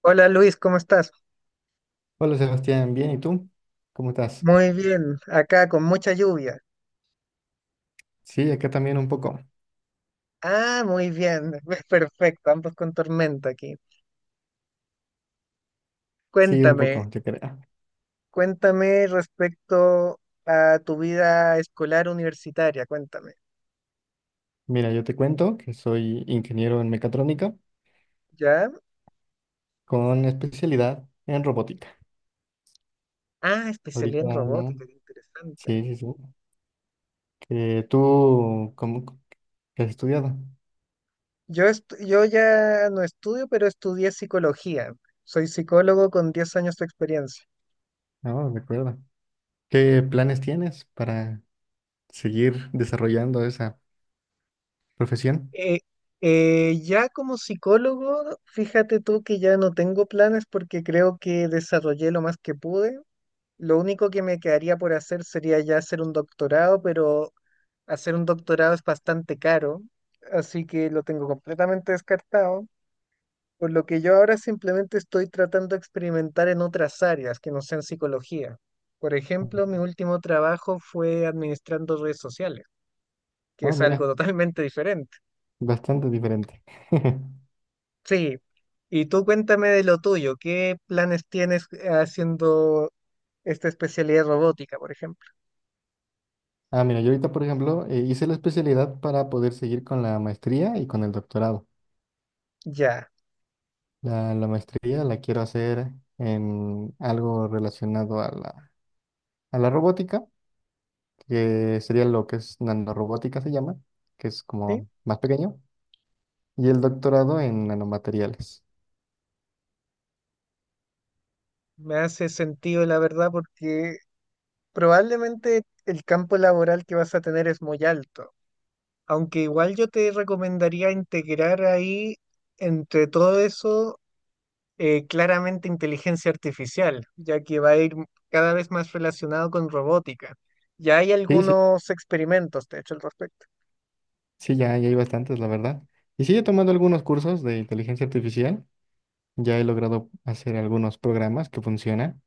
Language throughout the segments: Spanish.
Hola Luis, ¿cómo estás? Hola Sebastián, bien, ¿y tú? ¿Cómo estás? Muy bien, acá con mucha lluvia. Sí, acá también un poco. Ah, muy bien, perfecto, ambos con tormenta aquí. Sí, un Cuéntame, poco, yo creo. cuéntame respecto a tu vida escolar universitaria, cuéntame. Mira, yo te cuento que soy ingeniero en mecatrónica ¿Ya? con especialidad en robótica. Ah, Ahorita, especialidad en ¿no? robótica, qué interesante. Sí, sí, sí. Que tú, ¿cómo que has estudiado? Yo, yo ya no estudio, pero estudié psicología. Soy psicólogo con 10 años de experiencia. No, recuerda. ¿Qué planes tienes para seguir desarrollando esa profesión? Eh, ya como psicólogo, fíjate tú que ya no tengo planes porque creo que desarrollé lo más que pude. Lo único que me quedaría por hacer sería ya hacer un doctorado, pero hacer un doctorado es bastante caro, así que lo tengo completamente descartado. Por lo que yo ahora simplemente estoy tratando de experimentar en otras áreas que no sean psicología. Por ejemplo, mi último trabajo fue administrando redes sociales, que Oh, es algo mira, totalmente diferente. bastante diferente. Sí, y tú cuéntame de lo tuyo, ¿qué planes tienes haciendo esta especialidad robótica, por ejemplo? Ah, mira, yo ahorita, por ejemplo, hice la especialidad para poder seguir con la maestría y con el doctorado. Ya, La maestría la quiero hacer en algo relacionado a la robótica, que sería lo que es nanorobótica se llama, que es ¿sí? como más pequeño, y el doctorado en nanomateriales. Me hace sentido, la verdad, porque probablemente el campo laboral que vas a tener es muy alto, aunque igual yo te recomendaría integrar ahí, entre todo eso, claramente inteligencia artificial, ya que va a ir cada vez más relacionado con robótica. Ya hay Sí, sí, algunos experimentos, de hecho, al respecto. sí, ya, ya hay bastantes, la verdad. Y sigue tomando algunos cursos de inteligencia artificial. Ya he logrado hacer algunos programas que funcionan,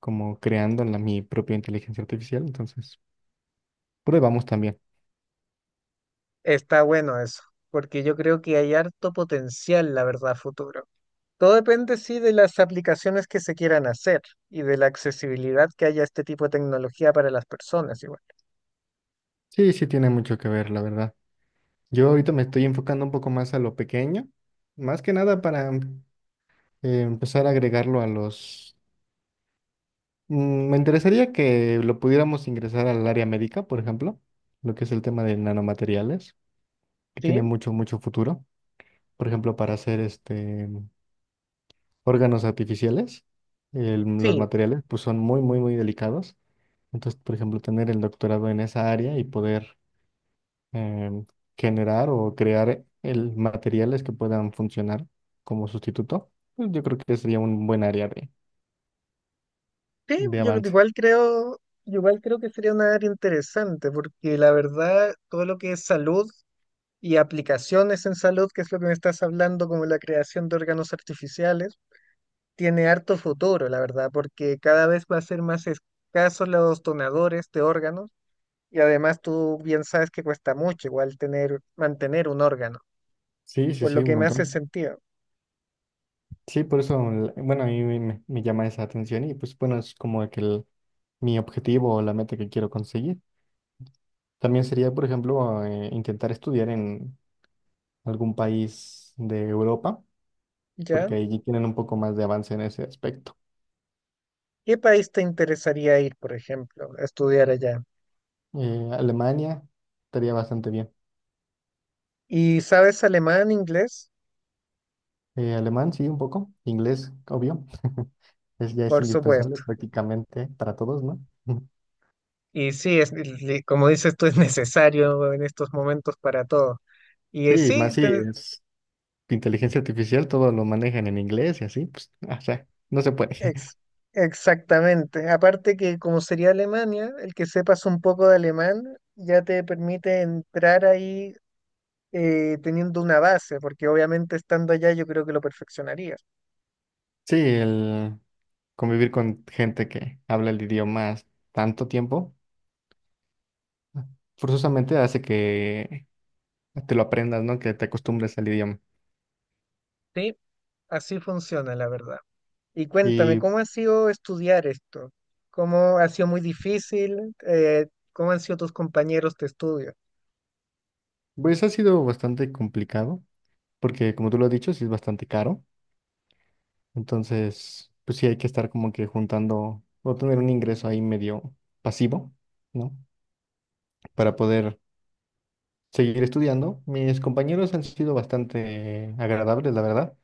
como creando mi propia inteligencia artificial, entonces... Probamos también. Está bueno eso, porque yo creo que hay harto potencial, la verdad, a futuro. Todo depende, sí, de las aplicaciones que se quieran hacer y de la accesibilidad que haya a este tipo de tecnología para las personas, igual. Sí, sí tiene mucho que ver, la verdad. Yo ahorita me estoy enfocando un poco más a lo pequeño, más que nada para empezar a agregarlo a los... Me interesaría que lo pudiéramos ingresar al área médica, por ejemplo, lo que es el tema de nanomateriales, que Sí, tiene mucho, mucho futuro. Por ejemplo, para hacer este órganos artificiales, los sí, materiales pues son muy, muy, muy delicados. Entonces, por ejemplo, tener el doctorado en esa área y poder em, generar o crear el materiales que puedan funcionar como sustituto, pues yo creo que sería un buen área sí, de yo avance. Igual creo que sería una área interesante, porque la verdad, todo lo que es salud y aplicaciones en salud, que es lo que me estás hablando, como la creación de órganos artificiales, tiene harto futuro, la verdad, porque cada vez va a ser más escasos los donadores de órganos y además tú bien sabes que cuesta mucho igual tener, mantener un órgano, Sí, sí, por lo sí, un que me hace montón. sentido, Sí, por eso, bueno, a mí me llama esa atención y pues bueno, es como que mi objetivo o la meta que quiero conseguir. También sería, por ejemplo, intentar estudiar en algún país de Europa, ¿ya? porque ahí tienen un poco más de avance en ese aspecto. ¿Qué país te interesaría ir, por ejemplo, a estudiar allá? Alemania estaría bastante bien. ¿Y sabes alemán, inglés? Alemán, sí, un poco. Inglés, obvio. Es, ya es Por indispensable supuesto. prácticamente para todos, ¿no? Y sí, es, como dices tú, es necesario en estos momentos para todo. Y Sí, sí, más si es inteligencia artificial, todo lo manejan en inglés y así, pues, o sea, no se puede. Ex- exactamente. Aparte que como sería Alemania, el que sepas un poco de alemán ya te permite entrar ahí teniendo una base, porque obviamente estando allá yo creo que lo perfeccionarías. Sí, el convivir con gente que habla el idioma tanto tiempo, forzosamente hace que te lo aprendas, ¿no? Que te acostumbres al idioma. Sí, así funciona, la verdad. Y cuéntame, Y ¿cómo ha sido estudiar esto? ¿Cómo ha sido muy difícil? ¿Cómo han sido tus compañeros de estudio? pues ha sido bastante complicado, porque como tú lo has dicho, sí es bastante caro. Entonces, pues sí hay que estar como que juntando o tener un ingreso ahí medio pasivo, ¿no? Para poder seguir estudiando. Mis compañeros han sido bastante agradables, la verdad.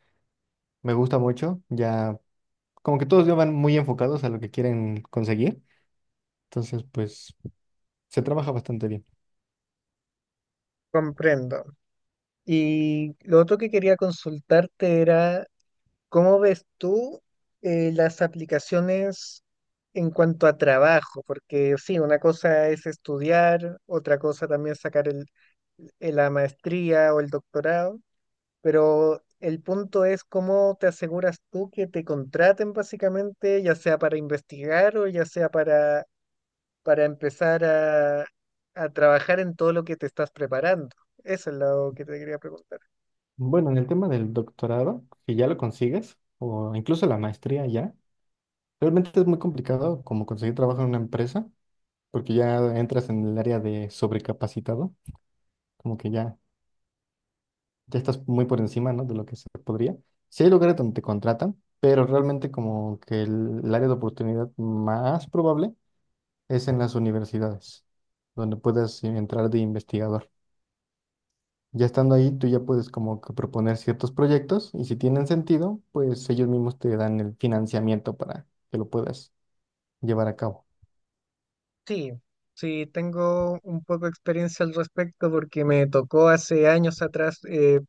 Me gusta mucho. Ya, como que todos ya van muy enfocados a lo que quieren conseguir. Entonces, pues se trabaja bastante bien. Comprendo. Y lo otro que quería consultarte era: ¿cómo ves tú las aplicaciones en cuanto a trabajo? Porque sí, una cosa es estudiar, otra cosa también sacar la maestría o el doctorado, pero el punto es cómo te aseguras tú que te contraten básicamente, ya sea para investigar o ya sea para empezar a trabajar en todo lo que te estás preparando. Eso es lo que te quería preguntar. Bueno, en el tema del doctorado, si ya lo consigues, o incluso la maestría ya, realmente es muy complicado como conseguir trabajo en una empresa, porque ya entras en el área de sobrecapacitado. Como que ya, ya estás muy por encima, ¿no? De lo que se podría. Sí hay lugares donde te contratan, pero realmente como que el área de oportunidad más probable es en las universidades, donde puedas entrar de investigador. Ya estando ahí, tú ya puedes como que proponer ciertos proyectos y si tienen sentido, pues ellos mismos te dan el financiamiento para que lo puedas llevar a cabo. Sí, sí, tengo un poco de experiencia al respecto porque me tocó hace años atrás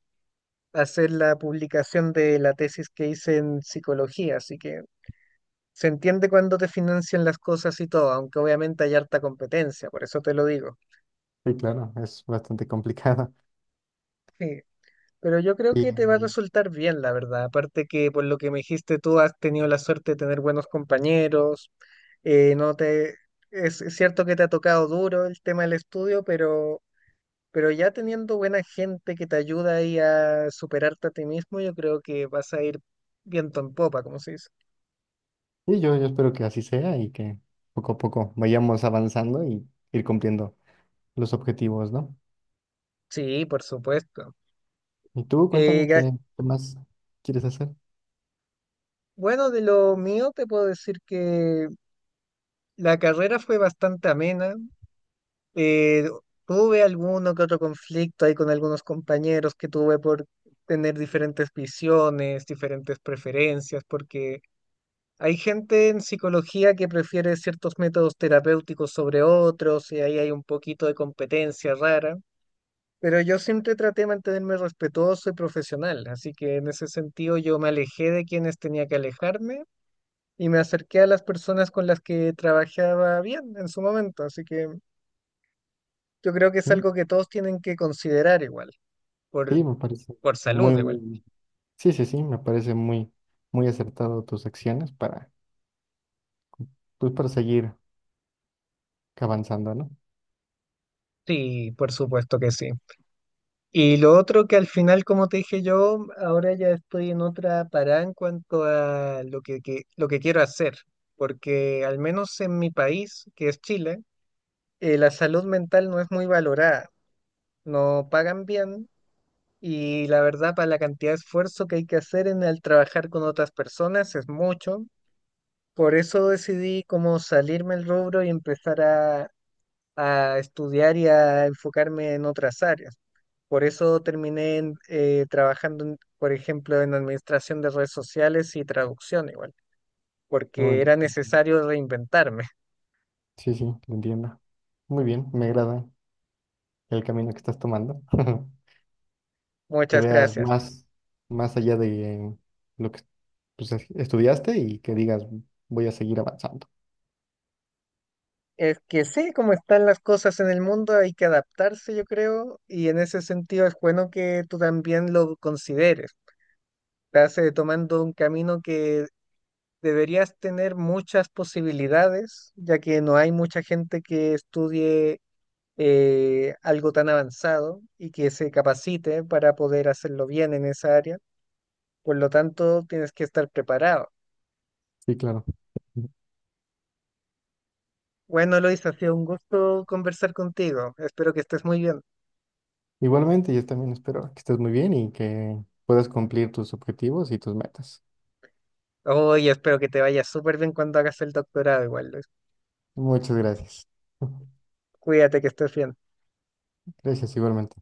hacer la publicación de la tesis que hice en psicología, así que se entiende cuando te financian las cosas y todo, aunque obviamente hay harta competencia, por eso te lo digo. Sí, claro, es bastante complicado. Sí, pero yo creo Y, que te va a resultar bien, la verdad, aparte que por lo que me dijiste tú has tenido la suerte de tener buenos compañeros, no te... Es cierto que te ha tocado duro el tema del estudio, pero... Pero ya teniendo buena gente que te ayuda ahí a superarte a ti mismo, yo creo que vas a ir viento en popa, como se dice. y yo espero que así sea y que poco a poco vayamos avanzando y ir cumpliendo los objetivos, ¿no? Sí, por supuesto. Y tú, Eh, cuéntame ga- qué, qué más quieres hacer. bueno, de lo mío te puedo decir que la carrera fue bastante amena. Eh, Tuve alguno que otro conflicto ahí con algunos compañeros que tuve por tener diferentes visiones, diferentes preferencias, porque hay gente en psicología que prefiere ciertos métodos terapéuticos sobre otros y ahí hay un poquito de competencia rara, pero yo siempre traté de mantenerme respetuoso y profesional, así que en ese sentido yo me alejé de quienes tenía que alejarme y me acerqué a las personas con las que trabajaba bien en su momento, así que yo creo que es Mm, algo que todos tienen que considerar igual, por, Sí, me parece por salud muy, igual. muy, sí, sí, sí, me parece muy, muy acertado tus acciones para, pues, para seguir avanzando, ¿no? Sí, por supuesto que sí. Y lo otro que al final, como te dije yo, ahora ya estoy en otra parada en cuanto a lo lo que quiero hacer, porque al menos en mi país, que es Chile, la salud mental no es muy valorada, no pagan bien y la verdad para la cantidad de esfuerzo que hay que hacer en el trabajar con otras personas es mucho. Por eso decidí como salirme del rubro y empezar a estudiar y a enfocarme en otras áreas. Por eso trabajando, en, por ejemplo, en administración de redes sociales y traducción igual, No, porque enti- era necesario reinventarme. Sí, sí, lo entiendo. Muy bien, me agrada el camino que estás tomando, que Muchas veas gracias. más, más allá de lo que, pues, estudiaste y que digas, voy a seguir avanzando. Es que sí, como están las cosas en el mundo, hay que adaptarse, yo creo, y en ese sentido es bueno que tú también lo consideres. Estás tomando un camino que deberías tener muchas posibilidades, ya que no hay mucha gente que estudie algo tan avanzado y que se capacite para poder hacerlo bien en esa área. Por lo tanto, tienes que estar preparado. Sí, claro. Bueno, Lois, ha sido un gusto conversar contigo. Espero que estés muy bien. Igualmente, yo también espero que estés muy bien y que puedas cumplir tus objetivos y tus metas. Oye, espero que te vaya súper bien cuando hagas el doctorado igual, Lois. Muchas gracias. Cuídate que estés bien. Gracias igualmente.